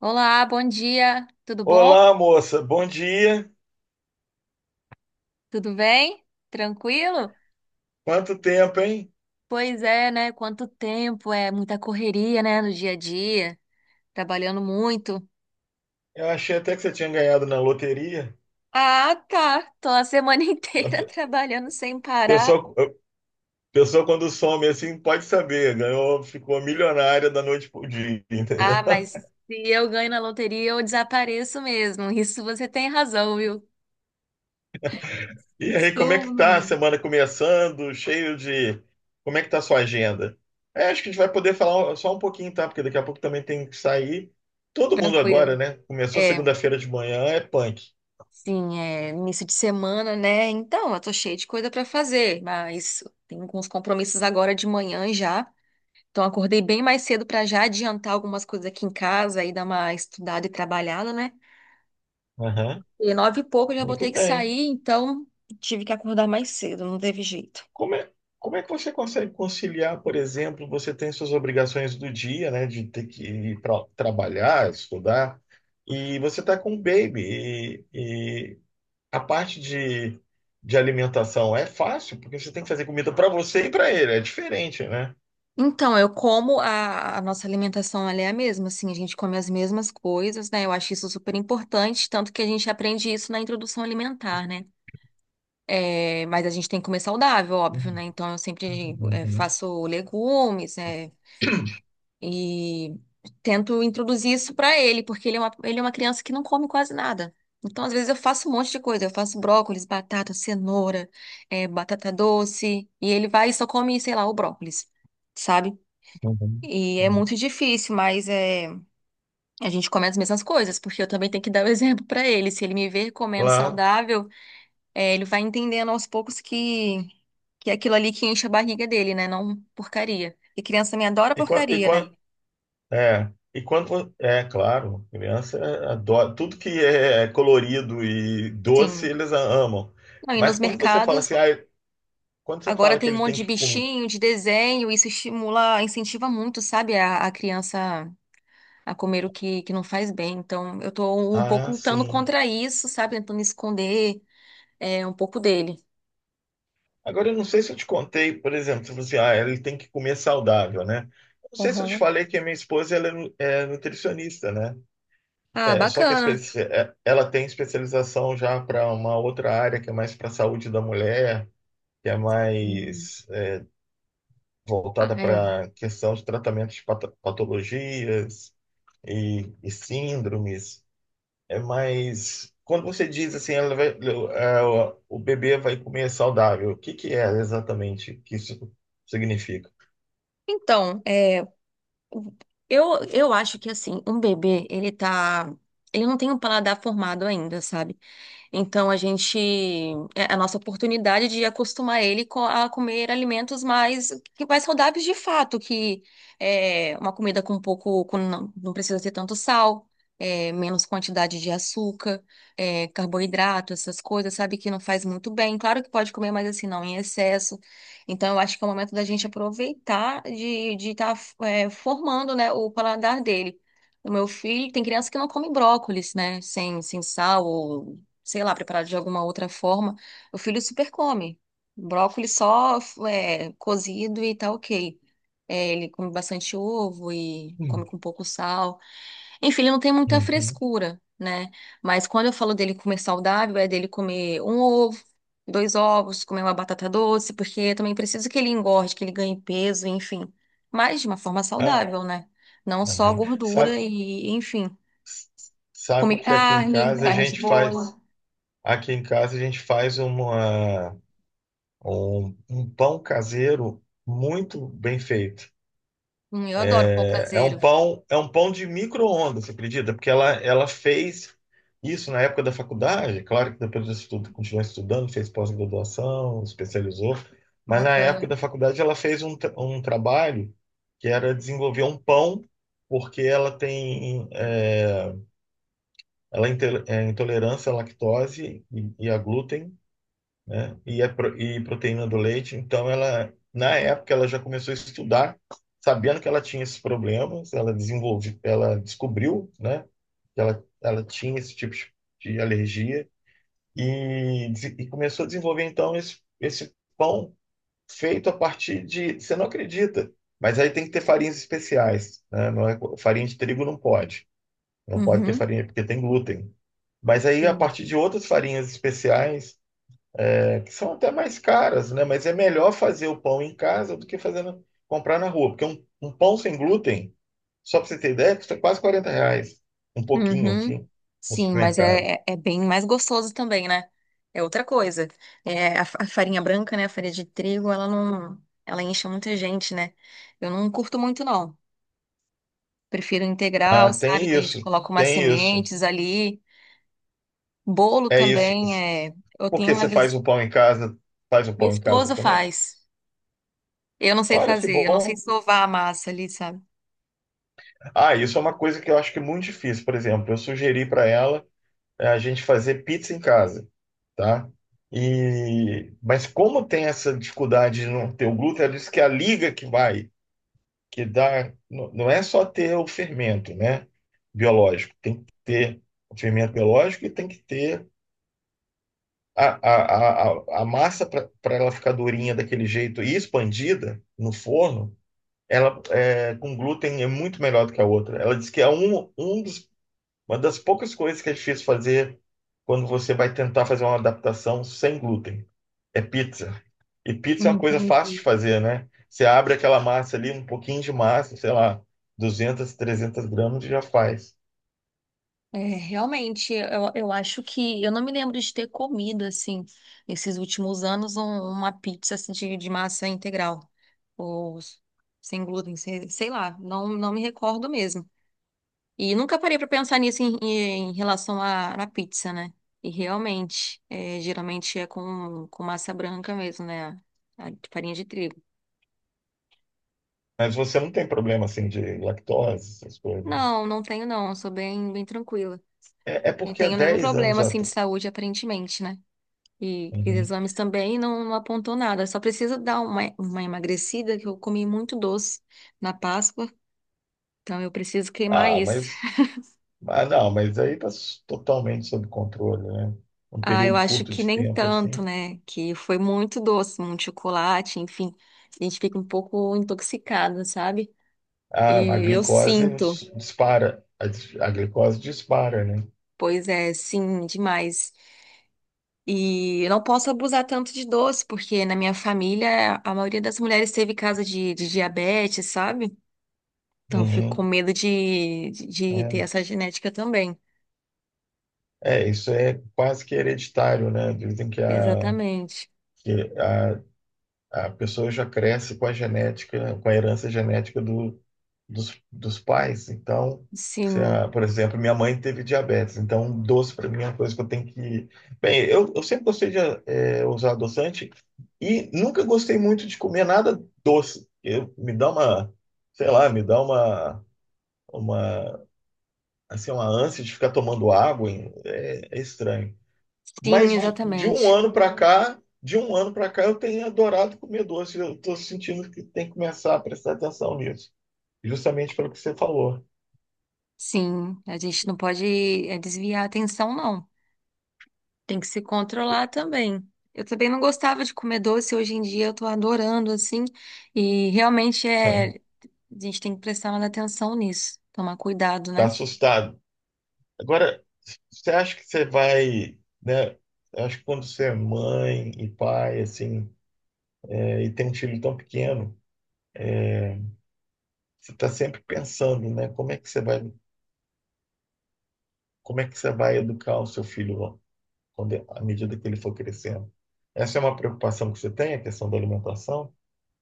Olá, bom dia. Tudo bom? Olá, moça, bom dia. Tudo bem? Tranquilo? Quanto tempo, hein? Pois é, né? Quanto tempo, é muita correria, né, no dia a dia, trabalhando muito. Eu achei até que você tinha ganhado na loteria. Ah, tá. Tô a semana A inteira pe- trabalhando sem parar. a pessoa quando some assim, pode saber, ganhou, ficou milionária da noite pro dia, entendeu? Ah, mas se eu ganho na loteria, eu desapareço mesmo. Isso você tem razão, viu? E aí, como é Estou que tá a semana começando? Cheio de. Como é que tá a sua agenda? É, acho que a gente vai poder falar só um pouquinho, tá? Porque daqui a pouco também tem que sair. Todo mundo agora, tranquilo. né? Começou É. segunda-feira de manhã, é punk. Sim, é início de semana, né? Então, eu tô cheia de coisa pra fazer, mas tenho alguns compromissos agora de manhã já. Então, acordei bem mais cedo para já adiantar algumas coisas aqui em casa e dar uma estudada e trabalhada, né? Aham. E nove e pouco eu já vou Muito ter que bem. sair, então tive que acordar mais cedo, não teve jeito. Como é, como é que você consegue conciliar, por exemplo, você tem suas obrigações do dia, né, de ter que ir para trabalhar, estudar, e você está com o baby, e a parte de alimentação é fácil, porque você tem que fazer comida para você e para ele, é diferente, né? Então, eu como a nossa alimentação, ela é a mesma, assim, a gente come as mesmas coisas, né? Eu acho isso super importante, tanto que a gente aprende isso na introdução alimentar, né? É, mas a gente tem que comer saudável, óbvio, Uhum, né? Então, eu sempre uhum, faço legumes, e tento introduzir isso pra ele, porque ele é uma criança que não come quase nada. Então, às vezes, eu faço um monte de coisa. Eu faço brócolis, batata, cenoura, batata doce. E ele vai e só come, sei lá, o brócolis, sabe? uhum, E é uhum. muito difícil, mas a gente come as mesmas coisas, porque eu também tenho que dar o exemplo pra ele. Se ele me ver comendo Claro. saudável, ele vai entendendo aos poucos que, é aquilo ali que enche a barriga dele, né? Não porcaria. E criança me adora E, qua- e, porcaria, né? qua- quando, é claro, criança adora, tudo que é colorido e doce Sim. eles amam. Não, e Mas nos quando você fala mercados, assim, quando você agora fala que tem um ele monte tem de que comer, bichinho, de desenho, isso estimula, incentiva muito, sabe, a criança a comer o que não faz bem. Então, eu tô um pouco ah, lutando sim. contra isso, sabe, tentando esconder um pouco dele. Agora eu não sei se eu te contei, por exemplo, você falou assim, ah, ele tem que comer saudável, né? Eu não sei se eu te Aham. falei que a minha esposa ela é nutricionista, né? Ah, É, só que bacana. Ela tem especialização já para uma outra área que é mais para a saúde da mulher, que é Hum. mais Ah, voltada é. para a questão de tratamentos de patologias e síndromes. É mais. Quando você diz assim, o bebê vai comer saudável, o que que é exatamente que isso significa? Então, eu acho que, assim, um bebê, ele tá. Ele não tem um paladar formado ainda, sabe? Então a gente é a nossa oportunidade de acostumar ele a comer alimentos mais que mais saudáveis de fato, que é uma comida com pouco, com não precisa ter tanto sal, menos quantidade de açúcar, carboidrato, essas coisas, sabe que não faz muito bem. Claro que pode comer, mas assim não em excesso. Então eu acho que é o momento da gente aproveitar de estar formando, né, o paladar dele. O meu filho tem criança que não come brócolis, né? Sem sal, sei lá, preparado de alguma outra forma, o filho super come. Brócolis só cozido e tá ok. É, ele come bastante ovo e come Hum, com pouco sal. Enfim, ele não tem muita uhum. frescura, né? Mas quando eu falo dele comer saudável, é dele comer um ovo, dois ovos, comer uma batata doce, porque eu também preciso que ele engorde, que ele ganhe peso, enfim. Mas de uma forma Ah, saudável, né? Não só uhum. gordura Sabe, e, enfim. sabe Comer que carne, carne de boi. Aqui em casa a gente faz um pão caseiro muito bem feito. Eu adoro pão É um caseiro. pão, é um pão de micro-ondas, você acredita? Porque ela fez isso na época da faculdade, claro que depois disso tudo continuou estudando, fez pós-graduação, especializou, mas na época Bacana. da faculdade ela fez um trabalho que era desenvolver um pão, porque ela é intolerância à lactose e a glúten, né? E proteína do leite. Então, ela, na época, ela já começou a estudar, sabendo que ela tinha esses problemas, ela desenvolve, ela descobriu, né, que ela tinha esse tipo de alergia e começou a desenvolver, então, esse pão feito a partir de, você não acredita, mas aí tem que ter farinhas especiais, né? Não é, farinha de trigo não pode, não pode ter Uhum. farinha porque tem glúten. Mas aí, a Sim. partir de outras farinhas especiais, que são até mais caras, né? Mas é melhor fazer o pão em casa do que fazer comprar na rua, porque um pão sem glúten, só para você ter ideia, custa quase 40 reais, um pouquinho Uhum. assim, no Sim, mas supermercado. é bem mais gostoso também, né? É outra coisa. É, a farinha branca, né? A farinha de trigo, ela não. Ela enche muita gente, né? Eu não curto muito, não. Prefiro Ah, integral, sabe? Que a gente coloca umas tem isso, sementes ali. Bolo é isso. também é. Eu tenho Porque uma você faz vez. o pão em casa, faz o Meu pão em casa esposo também? faz. Eu não sei Olha que fazer. Eu não sei bom. sovar a massa ali, sabe? Ah, isso é uma coisa que eu acho que é muito difícil. Por exemplo, eu sugeri para ela a gente fazer pizza em casa, tá? E, mas como tem essa dificuldade de não ter o glúten, ela diz que é a liga que vai, que dá, não é só ter o fermento, né, biológico, tem que ter o fermento biológico e tem que ter a, a, a massa para ela ficar durinha daquele jeito e expandida no forno. Ela é, com glúten é muito melhor do que a outra. Ela diz que é uma das poucas coisas que é difícil fazer quando você vai tentar fazer uma adaptação sem glúten. É pizza. E pizza é uma coisa Entendi. fácil de fazer, né? Você abre aquela massa ali, um pouquinho de massa, sei lá, 200, 300 gramas e já faz. É, realmente, eu acho que eu não me lembro de ter comido assim nesses últimos anos uma pizza assim, de massa integral ou sem glúten, sei lá, não me recordo mesmo. E nunca parei para pensar nisso em relação à pizza, né? E realmente, geralmente é com massa branca mesmo, né? A de farinha de trigo. Mas você não tem problema assim de lactose, essas coisas. Não, não tenho não, eu sou bem, bem tranquila. É Não porque há tenho nenhum dez problema anos assim de atrás. saúde aparentemente, né? E fiz Uhum. exames também e não apontou nada. Só precisa dar uma emagrecida, que eu comi muito doce na Páscoa, então eu preciso queimar Ah, isso. mas. Ah, não, mas aí está totalmente sob controle, né? Um Ah, eu período acho curto que de nem tempo, tanto, assim. né? Que foi muito doce, muito chocolate, enfim. A gente fica um pouco intoxicada, sabe? Ah, a E eu glicose sinto, nos dispara. A glicose dispara, né? pois é, sim, demais. E eu não posso abusar tanto de doce, porque na minha família a maioria das mulheres teve caso de diabetes, sabe? Então, fico com Uhum. medo de ter É. essa genética também. É, isso é quase que hereditário, né? Dizem que Exatamente. que a, a pessoa já cresce com a genética, com a herança genética dos pais. Então, se Sim, a, por exemplo, minha mãe teve diabetes, então um doce para mim é uma coisa que eu tenho que. Bem, eu sempre gostei de usar adoçante e nunca gostei muito de comer nada doce. Eu, me dá uma, sei lá, me dá uma, assim, uma ânsia de ficar tomando água, hein? É, é estranho. sim, Mas de um exatamente. ano para cá, de um ano para cá, eu tenho adorado comer doce. Eu estou sentindo que tem que começar a prestar atenção nisso, justamente pelo que você falou. Sim, a gente não pode desviar a atenção, não. Tem que se controlar também. Eu também não gostava de comer doce, hoje em dia eu tô adorando, assim, e realmente a gente tem que prestar mais atenção nisso, tomar cuidado, Tá né? assustado. Agora, você acha que você vai, né? Eu acho que quando você é mãe e pai, assim, né, e tem um filho tão pequeno, você está sempre pensando, né? Como é que você vai, como é que você vai educar o seu filho quando, à medida que ele for crescendo? Essa é uma preocupação que você tem, a questão da alimentação?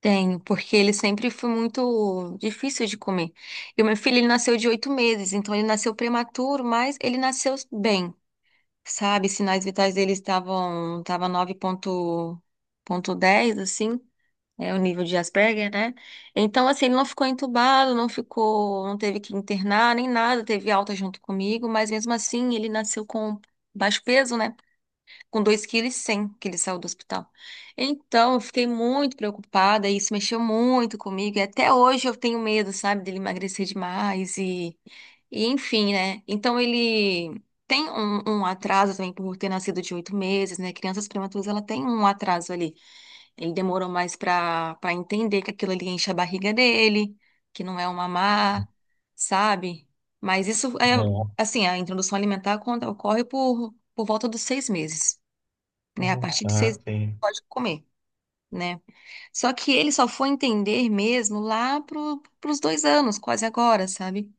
Tenho, porque ele sempre foi muito difícil de comer. E o meu filho, ele nasceu de 8 meses, então ele nasceu prematuro, mas ele nasceu bem. Sabe? Sinais vitais deles estava dez assim, é o nível de Asperger, né? Então, assim, ele não ficou entubado, não ficou, não teve que internar nem nada, teve alta junto comigo, mas mesmo assim ele nasceu com baixo peso, né? Com 2,1 kg que ele saiu do hospital. Então, eu fiquei muito preocupada, e isso mexeu muito comigo, e até hoje eu tenho medo, sabe, dele emagrecer demais e enfim, né? Então, ele tem um atraso também por ter nascido de 8 meses, né? Crianças prematuras, ela tem um atraso ali. Ele demorou mais para entender que aquilo ali enche a barriga dele, que não é um mamar, sabe? Mas isso é, É. assim, a introdução alimentar quando ocorre por volta dos 6 meses, né? A Uhum. partir de Ah, seis sim. pode comer, né? Só que ele só foi entender mesmo lá pros 2 anos, quase agora, sabe?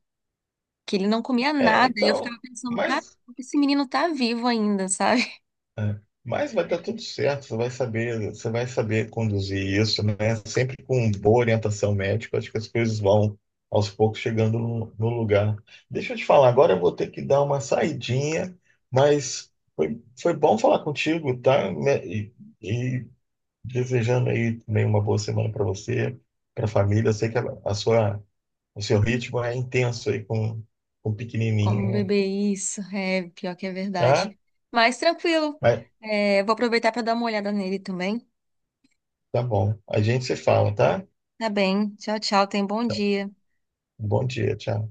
Que ele não comia É, nada. E eu ficava então, pensando, cara, mas, esse menino tá vivo ainda, sabe? mas vai dar tudo certo, você vai saber conduzir isso, né? Sempre com boa orientação médica, acho que as coisas vão aos poucos chegando no, no lugar. Deixa eu te falar, agora eu vou ter que dar uma saidinha, mas foi, foi bom falar contigo, tá? E desejando aí também uma boa semana para você, para a família. Eu sei que o seu ritmo é intenso aí com o Como pequenininho, né? beber isso? É, pior que é verdade. Tá? Mas tranquilo. Mas É, vou aproveitar para dar uma olhada nele também. tá bom. A gente se fala, tá? Tá bem. Tchau, tchau. Tenha um bom Tchau. dia. Bom dia, tchau.